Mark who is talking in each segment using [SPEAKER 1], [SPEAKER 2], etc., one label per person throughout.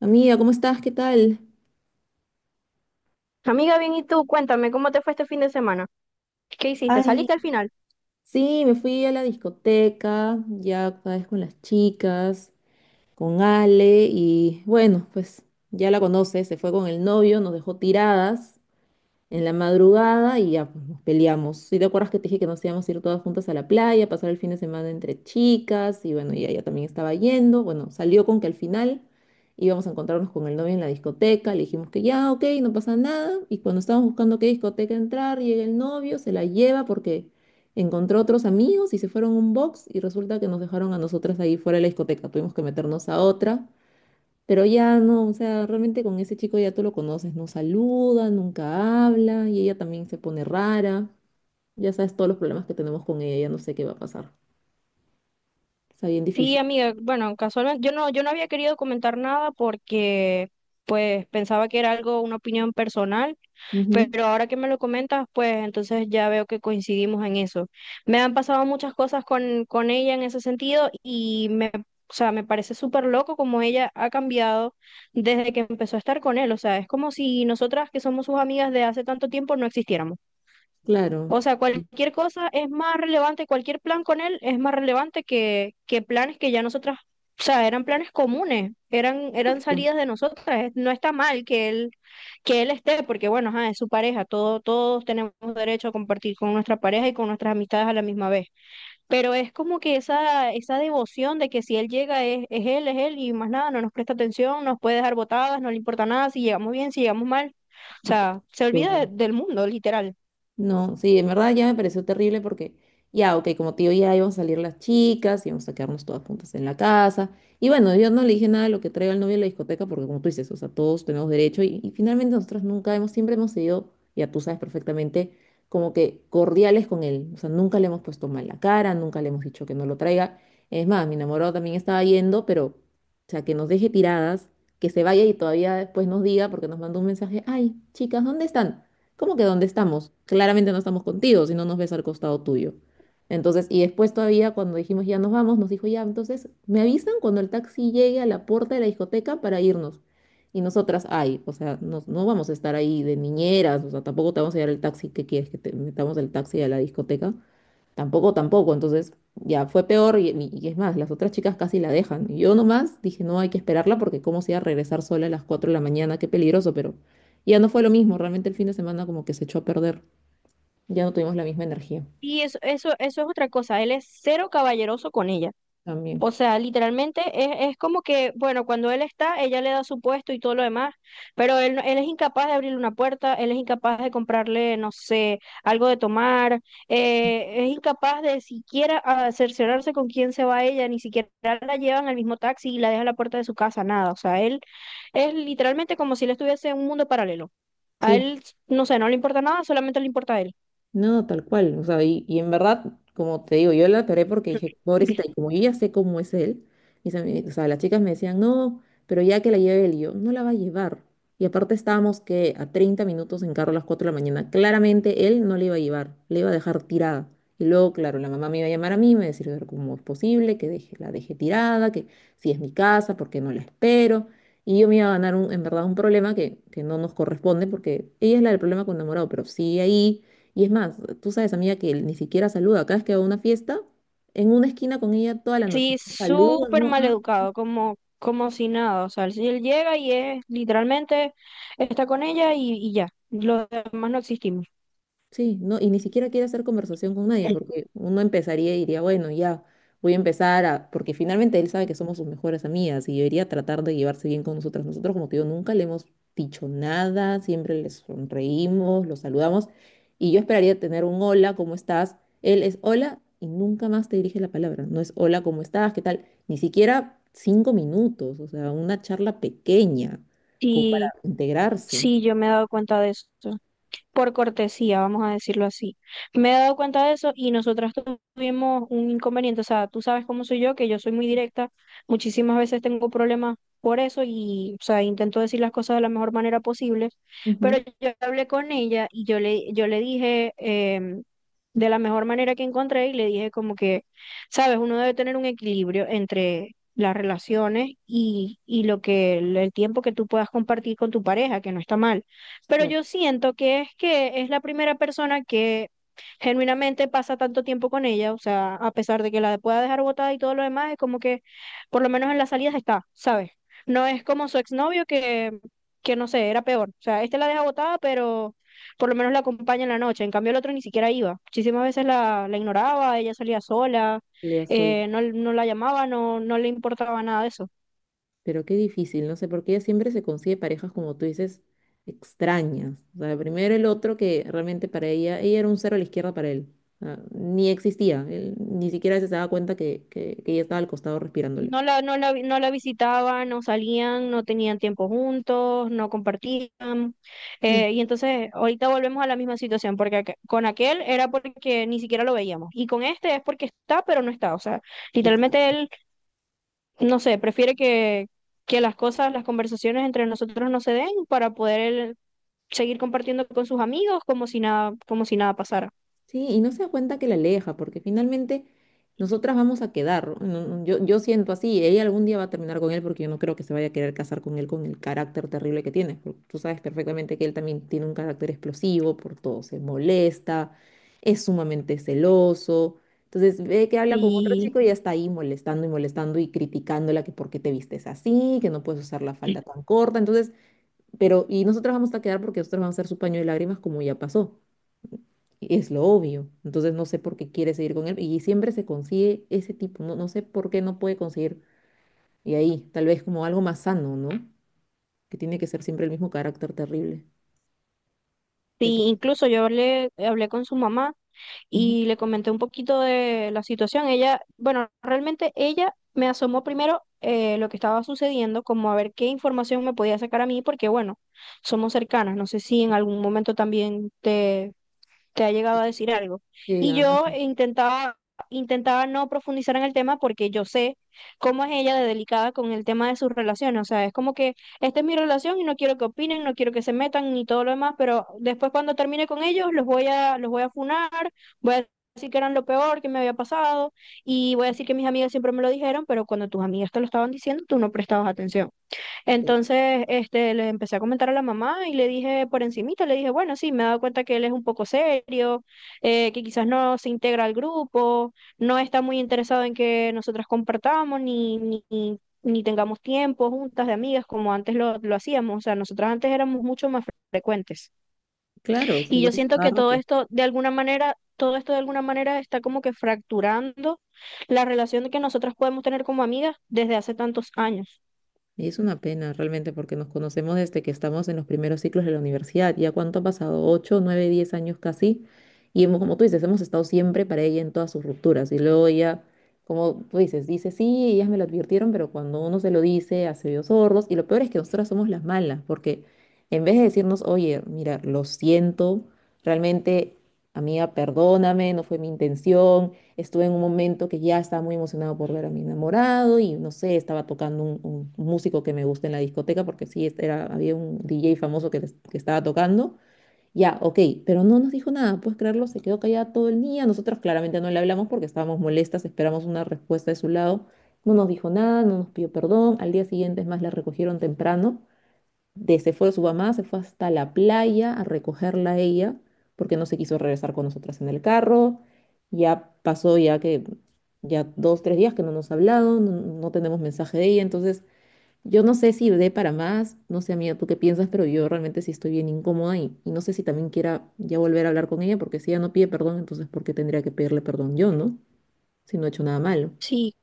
[SPEAKER 1] Amiga, ¿cómo estás? ¿Qué tal?
[SPEAKER 2] Amiga, bien, ¿y tú? Cuéntame, ¿cómo te fue este fin de semana? ¿Qué hiciste?
[SPEAKER 1] Ay,
[SPEAKER 2] ¿Saliste al final?
[SPEAKER 1] sí, me fui a la discoteca, ya otra vez con las chicas, con Ale y bueno, pues ya la conoces, se fue con el novio, nos dejó tiradas en la madrugada y ya pues, nos peleamos. Si te acuerdas que te dije que nos íbamos a ir todas juntas a la playa, pasar el fin de semana entre chicas y bueno, y ella también estaba yendo. Bueno, salió con que al final íbamos a encontrarnos con el novio en la discoteca, le dijimos que ya, ok, no pasa nada. Y cuando estábamos buscando qué discoteca entrar, llega el novio, se la lleva porque encontró otros amigos y se fueron a un box y resulta que nos dejaron a nosotras ahí fuera de la discoteca. Tuvimos que meternos a otra. Pero ya no, o sea, realmente con ese chico ya tú lo conoces, no saluda, nunca habla y ella también se pone rara. Ya sabes todos los problemas que tenemos con ella, ya no sé qué va a pasar. Está bien
[SPEAKER 2] Sí,
[SPEAKER 1] difícil.
[SPEAKER 2] amiga, bueno, casualmente yo no había querido comentar nada porque pues pensaba que era algo, una opinión personal,
[SPEAKER 1] Ujú.
[SPEAKER 2] pero ahora que me lo comentas, pues entonces ya veo que coincidimos en eso. Me han pasado muchas cosas con ella en ese sentido o sea, me parece súper loco como ella ha cambiado desde que empezó a estar con él. O sea, es como si nosotras que somos sus amigas de hace tanto tiempo no existiéramos.
[SPEAKER 1] Claro.
[SPEAKER 2] O sea, cualquier cosa es más relevante, cualquier plan con él es más relevante que planes que ya o sea, eran planes comunes, eran
[SPEAKER 1] Exacto,
[SPEAKER 2] salidas de nosotras. No está mal que él esté, porque bueno, ajá, es su pareja, todo, todos tenemos derecho a compartir con nuestra pareja y con nuestras amistades a la misma vez. Pero es como que esa devoción de que si él llega es él y más nada, no nos presta atención, nos puede dejar botadas, no le importa nada, si llegamos bien, si llegamos mal. O sea, se olvida
[SPEAKER 1] exacto.
[SPEAKER 2] del mundo, literal.
[SPEAKER 1] No, sí, en verdad ya me pareció terrible porque ya, ok, como tío ya íbamos a salir las chicas, íbamos a quedarnos todas juntas en la casa. Y bueno, yo no le dije nada de lo que traiga el novio a la discoteca porque como tú dices, o sea, todos tenemos derecho y finalmente nosotros nunca hemos, siempre hemos sido, ya tú sabes perfectamente, como que cordiales con él. O sea, nunca le hemos puesto mal la cara, nunca le hemos dicho que no lo traiga. Es más, mi enamorado también estaba yendo, pero, o sea, que nos deje tiradas, que se vaya y todavía después nos diga porque nos mandó un mensaje, ay, chicas, ¿dónde están? ¿Cómo que dónde estamos? Claramente no estamos contigo, si no nos ves al costado tuyo. Entonces, y después todavía cuando dijimos ya nos vamos, nos dijo ya, entonces me avisan cuando el taxi llegue a la puerta de la discoteca para irnos. Y nosotras, ay, o sea, no, no vamos a estar ahí de niñeras, o sea, tampoco te vamos a llevar el taxi que quieres que te metamos el taxi a la discoteca. Tampoco, tampoco. Entonces ya fue peor y es más, las otras chicas casi la dejan. Y yo nomás dije, no, hay que esperarla porque cómo se iba a regresar sola a las 4 de la mañana, qué peligroso, pero ya no fue lo mismo. Realmente el fin de semana como que se echó a perder. Ya no tuvimos la misma energía
[SPEAKER 2] Y eso es otra cosa, él es cero caballeroso con ella. O
[SPEAKER 1] también.
[SPEAKER 2] sea, literalmente es como que, bueno, cuando él está, ella le da su puesto y todo lo demás, pero él, no- él es incapaz de abrirle una puerta, él es incapaz de comprarle, no sé, algo de tomar, es incapaz de siquiera cerciorarse con quién se va ella, ni siquiera la llevan al mismo taxi y la dejan a la puerta de su casa, nada. O sea, él es literalmente como si él estuviese en un mundo paralelo. A
[SPEAKER 1] Sí.
[SPEAKER 2] él, no sé, no le importa nada, solamente le importa a él.
[SPEAKER 1] No, tal cual. O sea, y en verdad, como te digo, yo la paré porque dije, pobrecita, y como yo ya sé cómo es él, o sea, las chicas me decían, no, pero ya que la lleve él, y yo, no la va a llevar. Y aparte estábamos que a 30 minutos en carro a las 4 de la mañana. Claramente él no le iba a llevar, le iba a dejar tirada. Y luego, claro, la mamá me iba a llamar a mí, me iba a decir, "Pero ¿cómo es posible que deje, la deje tirada? Que si es mi casa, ¿por qué no la espero? Y yo me iba a ganar en verdad un problema que no nos corresponde porque ella es la del problema con enamorado, pero sigue ahí y es más, tú sabes, amiga, que él ni siquiera saluda. Cada vez que va a una fiesta, en una esquina con ella toda la noche.
[SPEAKER 2] Sí,
[SPEAKER 1] No saluda,
[SPEAKER 2] súper
[SPEAKER 1] no.
[SPEAKER 2] mal educado, como si nada. O sea, si él llega y es literalmente está con ella y ya. Los demás no existimos.
[SPEAKER 1] Sí, no, y ni siquiera quiere hacer conversación con nadie, porque uno empezaría y diría, bueno, ya voy a empezar a, porque finalmente él sabe que somos sus mejores amigas y debería tratar de llevarse bien con nosotras. Nosotros, como te digo, nunca le hemos dicho nada, siempre le sonreímos, lo saludamos, y yo esperaría tener un hola, ¿cómo estás? Él es hola y nunca más te dirige la palabra, no es hola, ¿cómo estás? ¿Qué tal? Ni siquiera cinco minutos, o sea, una charla pequeña, como para
[SPEAKER 2] Sí,
[SPEAKER 1] integrarse.
[SPEAKER 2] sí, yo me he dado cuenta de eso. Por cortesía, vamos a decirlo así. Me he dado cuenta de eso y nosotras tuvimos un inconveniente, o sea, tú sabes cómo soy yo, que yo soy muy directa, muchísimas veces tengo problemas por eso o sea, intento decir las cosas de la mejor manera posible, pero
[SPEAKER 1] Ujú.
[SPEAKER 2] yo hablé con ella y yo le dije de la mejor manera que encontré y le dije como que, sabes, uno debe tener un equilibrio entre las relaciones y lo que el tiempo que tú puedas compartir con tu pareja, que no está mal. Pero
[SPEAKER 1] La-
[SPEAKER 2] yo siento que es la primera persona que genuinamente pasa tanto tiempo con ella, o sea, a pesar de que la pueda dejar botada y todo lo demás, es como que por lo menos en las salidas está, ¿sabes? No es como su exnovio que no sé, era peor. O sea, este la deja botada, pero por lo menos la acompaña en la noche. En cambio, el otro ni siquiera iba. Muchísimas veces la ignoraba, ella salía sola,
[SPEAKER 1] le
[SPEAKER 2] no la llamaba, no le importaba nada de eso.
[SPEAKER 1] Pero qué difícil, no sé, porque ella siempre se consigue parejas, como tú dices, extrañas. O sea, primero el otro que realmente para ella, ella era un cero a la izquierda para él. O sea, ni existía, él ni siquiera se daba cuenta que ella estaba al costado respirándole.
[SPEAKER 2] No la visitaban, no salían, no tenían tiempo juntos, no compartían.
[SPEAKER 1] Sí,
[SPEAKER 2] Y entonces ahorita volvemos a la misma situación, porque con aquel era porque ni siquiera lo veíamos. Y con este es porque está, pero no está. O sea, literalmente
[SPEAKER 1] exacto.
[SPEAKER 2] él, no sé, prefiere que las cosas, las conversaciones entre nosotros no se den para poder él seguir compartiendo con sus amigos como si nada pasara.
[SPEAKER 1] Sí, y no se da cuenta que la aleja, porque finalmente nosotras vamos a quedar. No, no, yo siento así, ella algún día va a terminar con él porque yo no creo que se vaya a querer casar con él con el carácter terrible que tiene. Porque tú sabes perfectamente que él también tiene un carácter explosivo, por todo se molesta, es sumamente celoso. Entonces ve que habla con otro
[SPEAKER 2] Y
[SPEAKER 1] chico y ya está ahí molestando y molestando y criticándola que por qué te vistes así, que no puedes usar la falda tan corta. Entonces pero, y nosotros vamos a quedar porque nosotros vamos a ser su paño de lágrimas como ya pasó. Es lo obvio. Entonces no sé por qué quiere seguir con él. Y siempre se consigue ese tipo. No, no sé por qué no puede conseguir. Y ahí, tal vez como algo más sano, ¿no? Que tiene que ser siempre el mismo carácter terrible. De.
[SPEAKER 2] Sí, incluso hablé con su mamá
[SPEAKER 1] Ujú.
[SPEAKER 2] y le comenté un poquito de la situación. Ella, bueno, realmente ella me asomó primero lo que estaba sucediendo, como a ver qué información me podía sacar a mí, porque bueno, somos cercanas. No sé si en algún momento también te ha llegado a decir algo.
[SPEAKER 1] Sí,
[SPEAKER 2] Y
[SPEAKER 1] nada más.
[SPEAKER 2] yo intentaba no profundizar en el tema porque yo sé cómo es ella de delicada con el tema de sus relaciones. O sea, es como que esta es mi relación y no quiero que opinen, no quiero que se metan ni todo lo demás, pero después cuando termine con ellos los voy a funar, voy a decir que eran lo peor que me había pasado y voy a decir que mis amigas siempre me lo dijeron, pero cuando tus amigas te lo estaban diciendo, tú no prestabas atención.
[SPEAKER 1] Sí.
[SPEAKER 2] Entonces, este, le empecé a comentar a la mamá y le dije por encimita, le dije, bueno, sí, me he dado cuenta que él es un poco serio, que quizás no se integra al grupo, no está muy interesado en que nosotras compartamos ni tengamos tiempo juntas de amigas como antes lo hacíamos. O sea, nosotras antes éramos mucho más frecuentes.
[SPEAKER 1] Claro,
[SPEAKER 2] Y yo
[SPEAKER 1] salían
[SPEAKER 2] siento
[SPEAKER 1] cada
[SPEAKER 2] que todo
[SPEAKER 1] rato.
[SPEAKER 2] esto, de alguna manera, todo esto de alguna manera está como que fracturando la relación que nosotras podemos tener como amigas desde hace tantos años.
[SPEAKER 1] Y es una pena realmente porque nos conocemos desde que estamos en los primeros ciclos de la universidad. ¿Ya cuánto ha pasado? ¿Ocho, nueve, diez años casi? Y hemos, como tú dices, hemos estado siempre para ella en todas sus rupturas. Y luego ella, como tú dices, dice, sí, ellas me lo advirtieron, pero cuando uno se lo dice, hace oídos sordos. Y lo peor es que nosotras somos las malas, porque en vez de decirnos, oye, mira, lo siento, realmente, amiga, perdóname, no fue mi intención. Estuve en un momento que ya estaba muy emocionado por ver a mi enamorado y no sé, estaba tocando un músico que me gusta en la discoteca porque sí, este era, había un DJ famoso que, que estaba tocando. Ya, ok, pero no nos dijo nada, puedes creerlo, se quedó callada todo el día. Nosotros claramente no le hablamos porque estábamos molestas, esperamos una respuesta de su lado. No nos dijo nada, no nos pidió perdón. Al día siguiente, es más, la recogieron temprano se fue de su mamá, se fue hasta la playa a recogerla a ella, porque no se quiso regresar con nosotras en el carro. Ya pasó ya que ya dos, tres días que no nos ha hablado, no, no tenemos mensaje de ella, entonces yo no sé si dé para más, no sé amiga, tú qué piensas, pero yo realmente sí estoy bien incómoda y no sé si también quiera ya volver a hablar con ella, porque si ella no pide perdón, entonces ¿por qué tendría que pedirle perdón yo, no? Si no he hecho nada malo.
[SPEAKER 2] Sí,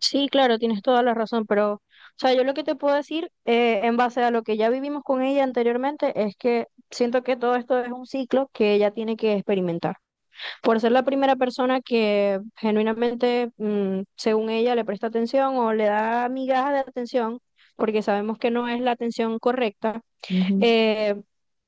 [SPEAKER 2] Sí, claro, tienes toda la razón, o sea, yo lo que te puedo decir en base a lo que ya vivimos con ella anteriormente es que siento que todo esto es un ciclo que ella tiene que experimentar. Por ser la primera persona que genuinamente, según ella, le presta atención o le da migajas de atención, porque sabemos que no es la atención correcta,
[SPEAKER 1] Ujú,
[SPEAKER 2] eh,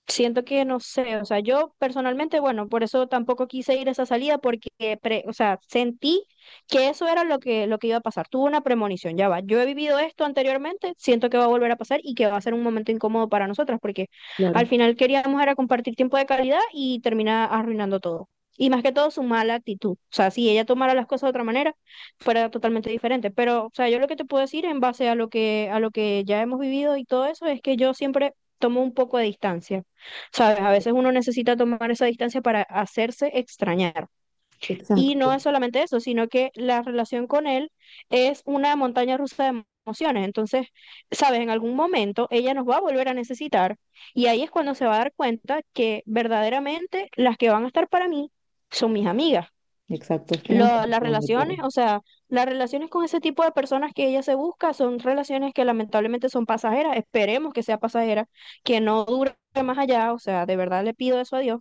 [SPEAKER 2] siento que no sé, o sea, yo personalmente, bueno, por eso tampoco quise ir a esa salida porque, o sea, sentí que eso era lo que iba a pasar. Tuve una premonición, ya va. Yo he vivido esto anteriormente, siento que va a volver a pasar y que va a ser un momento incómodo para nosotras porque al
[SPEAKER 1] claro,
[SPEAKER 2] final queríamos era compartir tiempo de calidad y termina arruinando todo. Y más que todo su mala actitud. O sea, si ella tomara las cosas de otra manera, fuera totalmente diferente. Pero, o sea, yo lo que te puedo decir en base a a lo que ya hemos vivido y todo eso es que yo siempre tomo un poco de distancia, ¿sabes? A veces uno necesita tomar esa distancia para hacerse extrañar. Y no
[SPEAKER 1] exacto,
[SPEAKER 2] es solamente eso, sino que la relación con él es una montaña rusa de emociones. Entonces, ¿sabes? En algún momento ella nos va a volver a necesitar y ahí es cuando se va a dar cuenta que verdaderamente las que van a estar para mí son mis amigas
[SPEAKER 1] exacto, es que no me parece
[SPEAKER 2] las
[SPEAKER 1] muy
[SPEAKER 2] relaciones,
[SPEAKER 1] claro.
[SPEAKER 2] o sea, las relaciones con ese tipo de personas que ella se busca son relaciones que lamentablemente son pasajeras, esperemos que sea pasajera, que no dure más allá, o sea, de verdad le pido eso a Dios,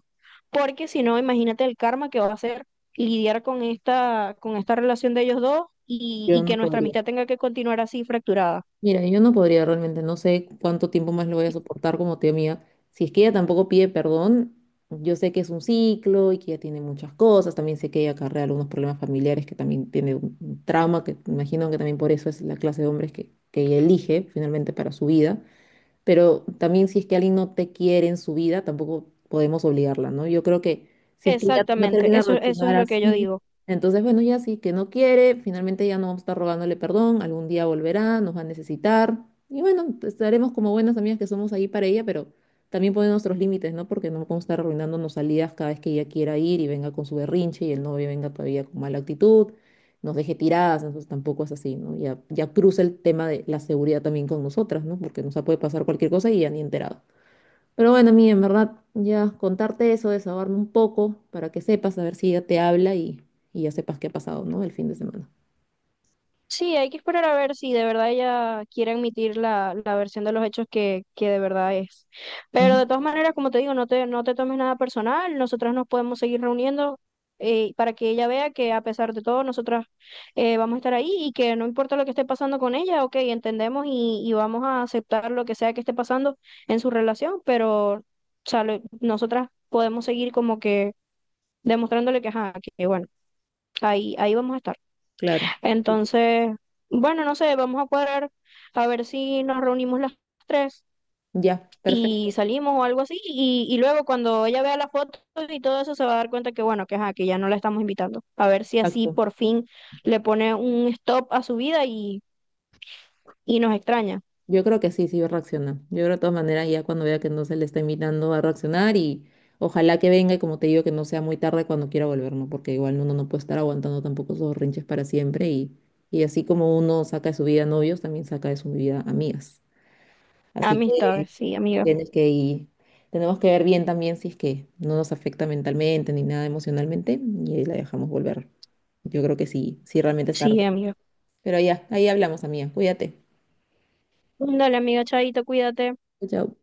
[SPEAKER 2] porque si no, imagínate el karma que va a ser lidiar con con esta relación de ellos dos
[SPEAKER 1] Yo
[SPEAKER 2] y
[SPEAKER 1] no
[SPEAKER 2] que nuestra
[SPEAKER 1] podría.
[SPEAKER 2] amistad tenga que continuar así fracturada.
[SPEAKER 1] Mira, yo no podría realmente, no sé cuánto tiempo más lo voy a soportar como tía mía. Si es que ella tampoco pide perdón, yo sé que es un ciclo y que ella tiene muchas cosas, también sé que ella acarrea algunos problemas familiares, que también tiene un trauma, que imagino que también por eso es la clase de hombres que ella elige finalmente para su vida, pero también si es que alguien no te quiere en su vida, tampoco podemos obligarla, ¿no? Yo creo que si es que ya no
[SPEAKER 2] Exactamente,
[SPEAKER 1] termina de
[SPEAKER 2] eso es
[SPEAKER 1] reaccionar
[SPEAKER 2] lo que yo
[SPEAKER 1] así,
[SPEAKER 2] digo.
[SPEAKER 1] entonces, bueno, ya sí, que no quiere, finalmente ya no vamos a estar rogándole perdón, algún día volverá, nos va a necesitar, y bueno, estaremos como buenas amigas que somos ahí para ella, pero también poner nuestros límites, ¿no? Porque no podemos estar arruinándonos salidas cada vez que ella quiera ir y venga con su berrinche y el novio venga todavía con mala actitud, nos deje tiradas, entonces tampoco es así, ¿no? Ya, ya cruza el tema de la seguridad también con nosotras, ¿no? Porque nos puede pasar cualquier cosa y ya ni enterado. Pero bueno, mí en verdad, ya contarte eso, desahogarme un poco para que sepas, a ver si ya te habla y ya sepas qué ha pasado, ¿no? El fin de semana.
[SPEAKER 2] Sí, hay que esperar a ver si de verdad ella quiere admitir la versión de los hechos que de verdad es. Pero
[SPEAKER 1] Ujú.
[SPEAKER 2] de todas maneras, como te digo, no te tomes nada personal, nosotras nos podemos seguir reuniendo para que ella vea que a pesar de todo, nosotras vamos a estar ahí y que no importa lo que esté pasando con ella, ok, entendemos y vamos a aceptar lo que sea que esté pasando en su relación, nosotras podemos seguir como que demostrándole que, ajá, que bueno, ahí vamos a estar.
[SPEAKER 1] Claro.
[SPEAKER 2] Entonces, bueno, no sé, vamos a cuadrar a ver si nos reunimos las tres
[SPEAKER 1] Ya, perfecto.
[SPEAKER 2] y salimos o algo así. Y luego cuando ella vea las fotos y todo eso se va a dar cuenta que bueno, que, ajá, que ya no la estamos invitando. A ver si así
[SPEAKER 1] Exacto.
[SPEAKER 2] por fin le pone un stop a su vida y nos extraña.
[SPEAKER 1] Yo creo que sí, sí va a reaccionar. Yo creo de todas maneras ya cuando vea que no se le está invitando a reaccionar y ojalá que venga y como te digo que no sea muy tarde cuando quiera volver, ¿no? Porque igual uno no puede estar aguantando tampoco esos rinches para siempre y así como uno saca de su vida novios, también saca de su vida amigas. Así que
[SPEAKER 2] Amistades, sí, amiga.
[SPEAKER 1] tienes que ir- tenemos que ver bien también si es que no nos afecta mentalmente ni nada emocionalmente y ahí la dejamos volver. Yo creo que sí, sí realmente está.
[SPEAKER 2] Sí,
[SPEAKER 1] Bueno.
[SPEAKER 2] amiga.
[SPEAKER 1] Pero ya, ahí hablamos, amiga. Cuídate.
[SPEAKER 2] Dale, amiga, chaito, cuídate.
[SPEAKER 1] Chao, chao.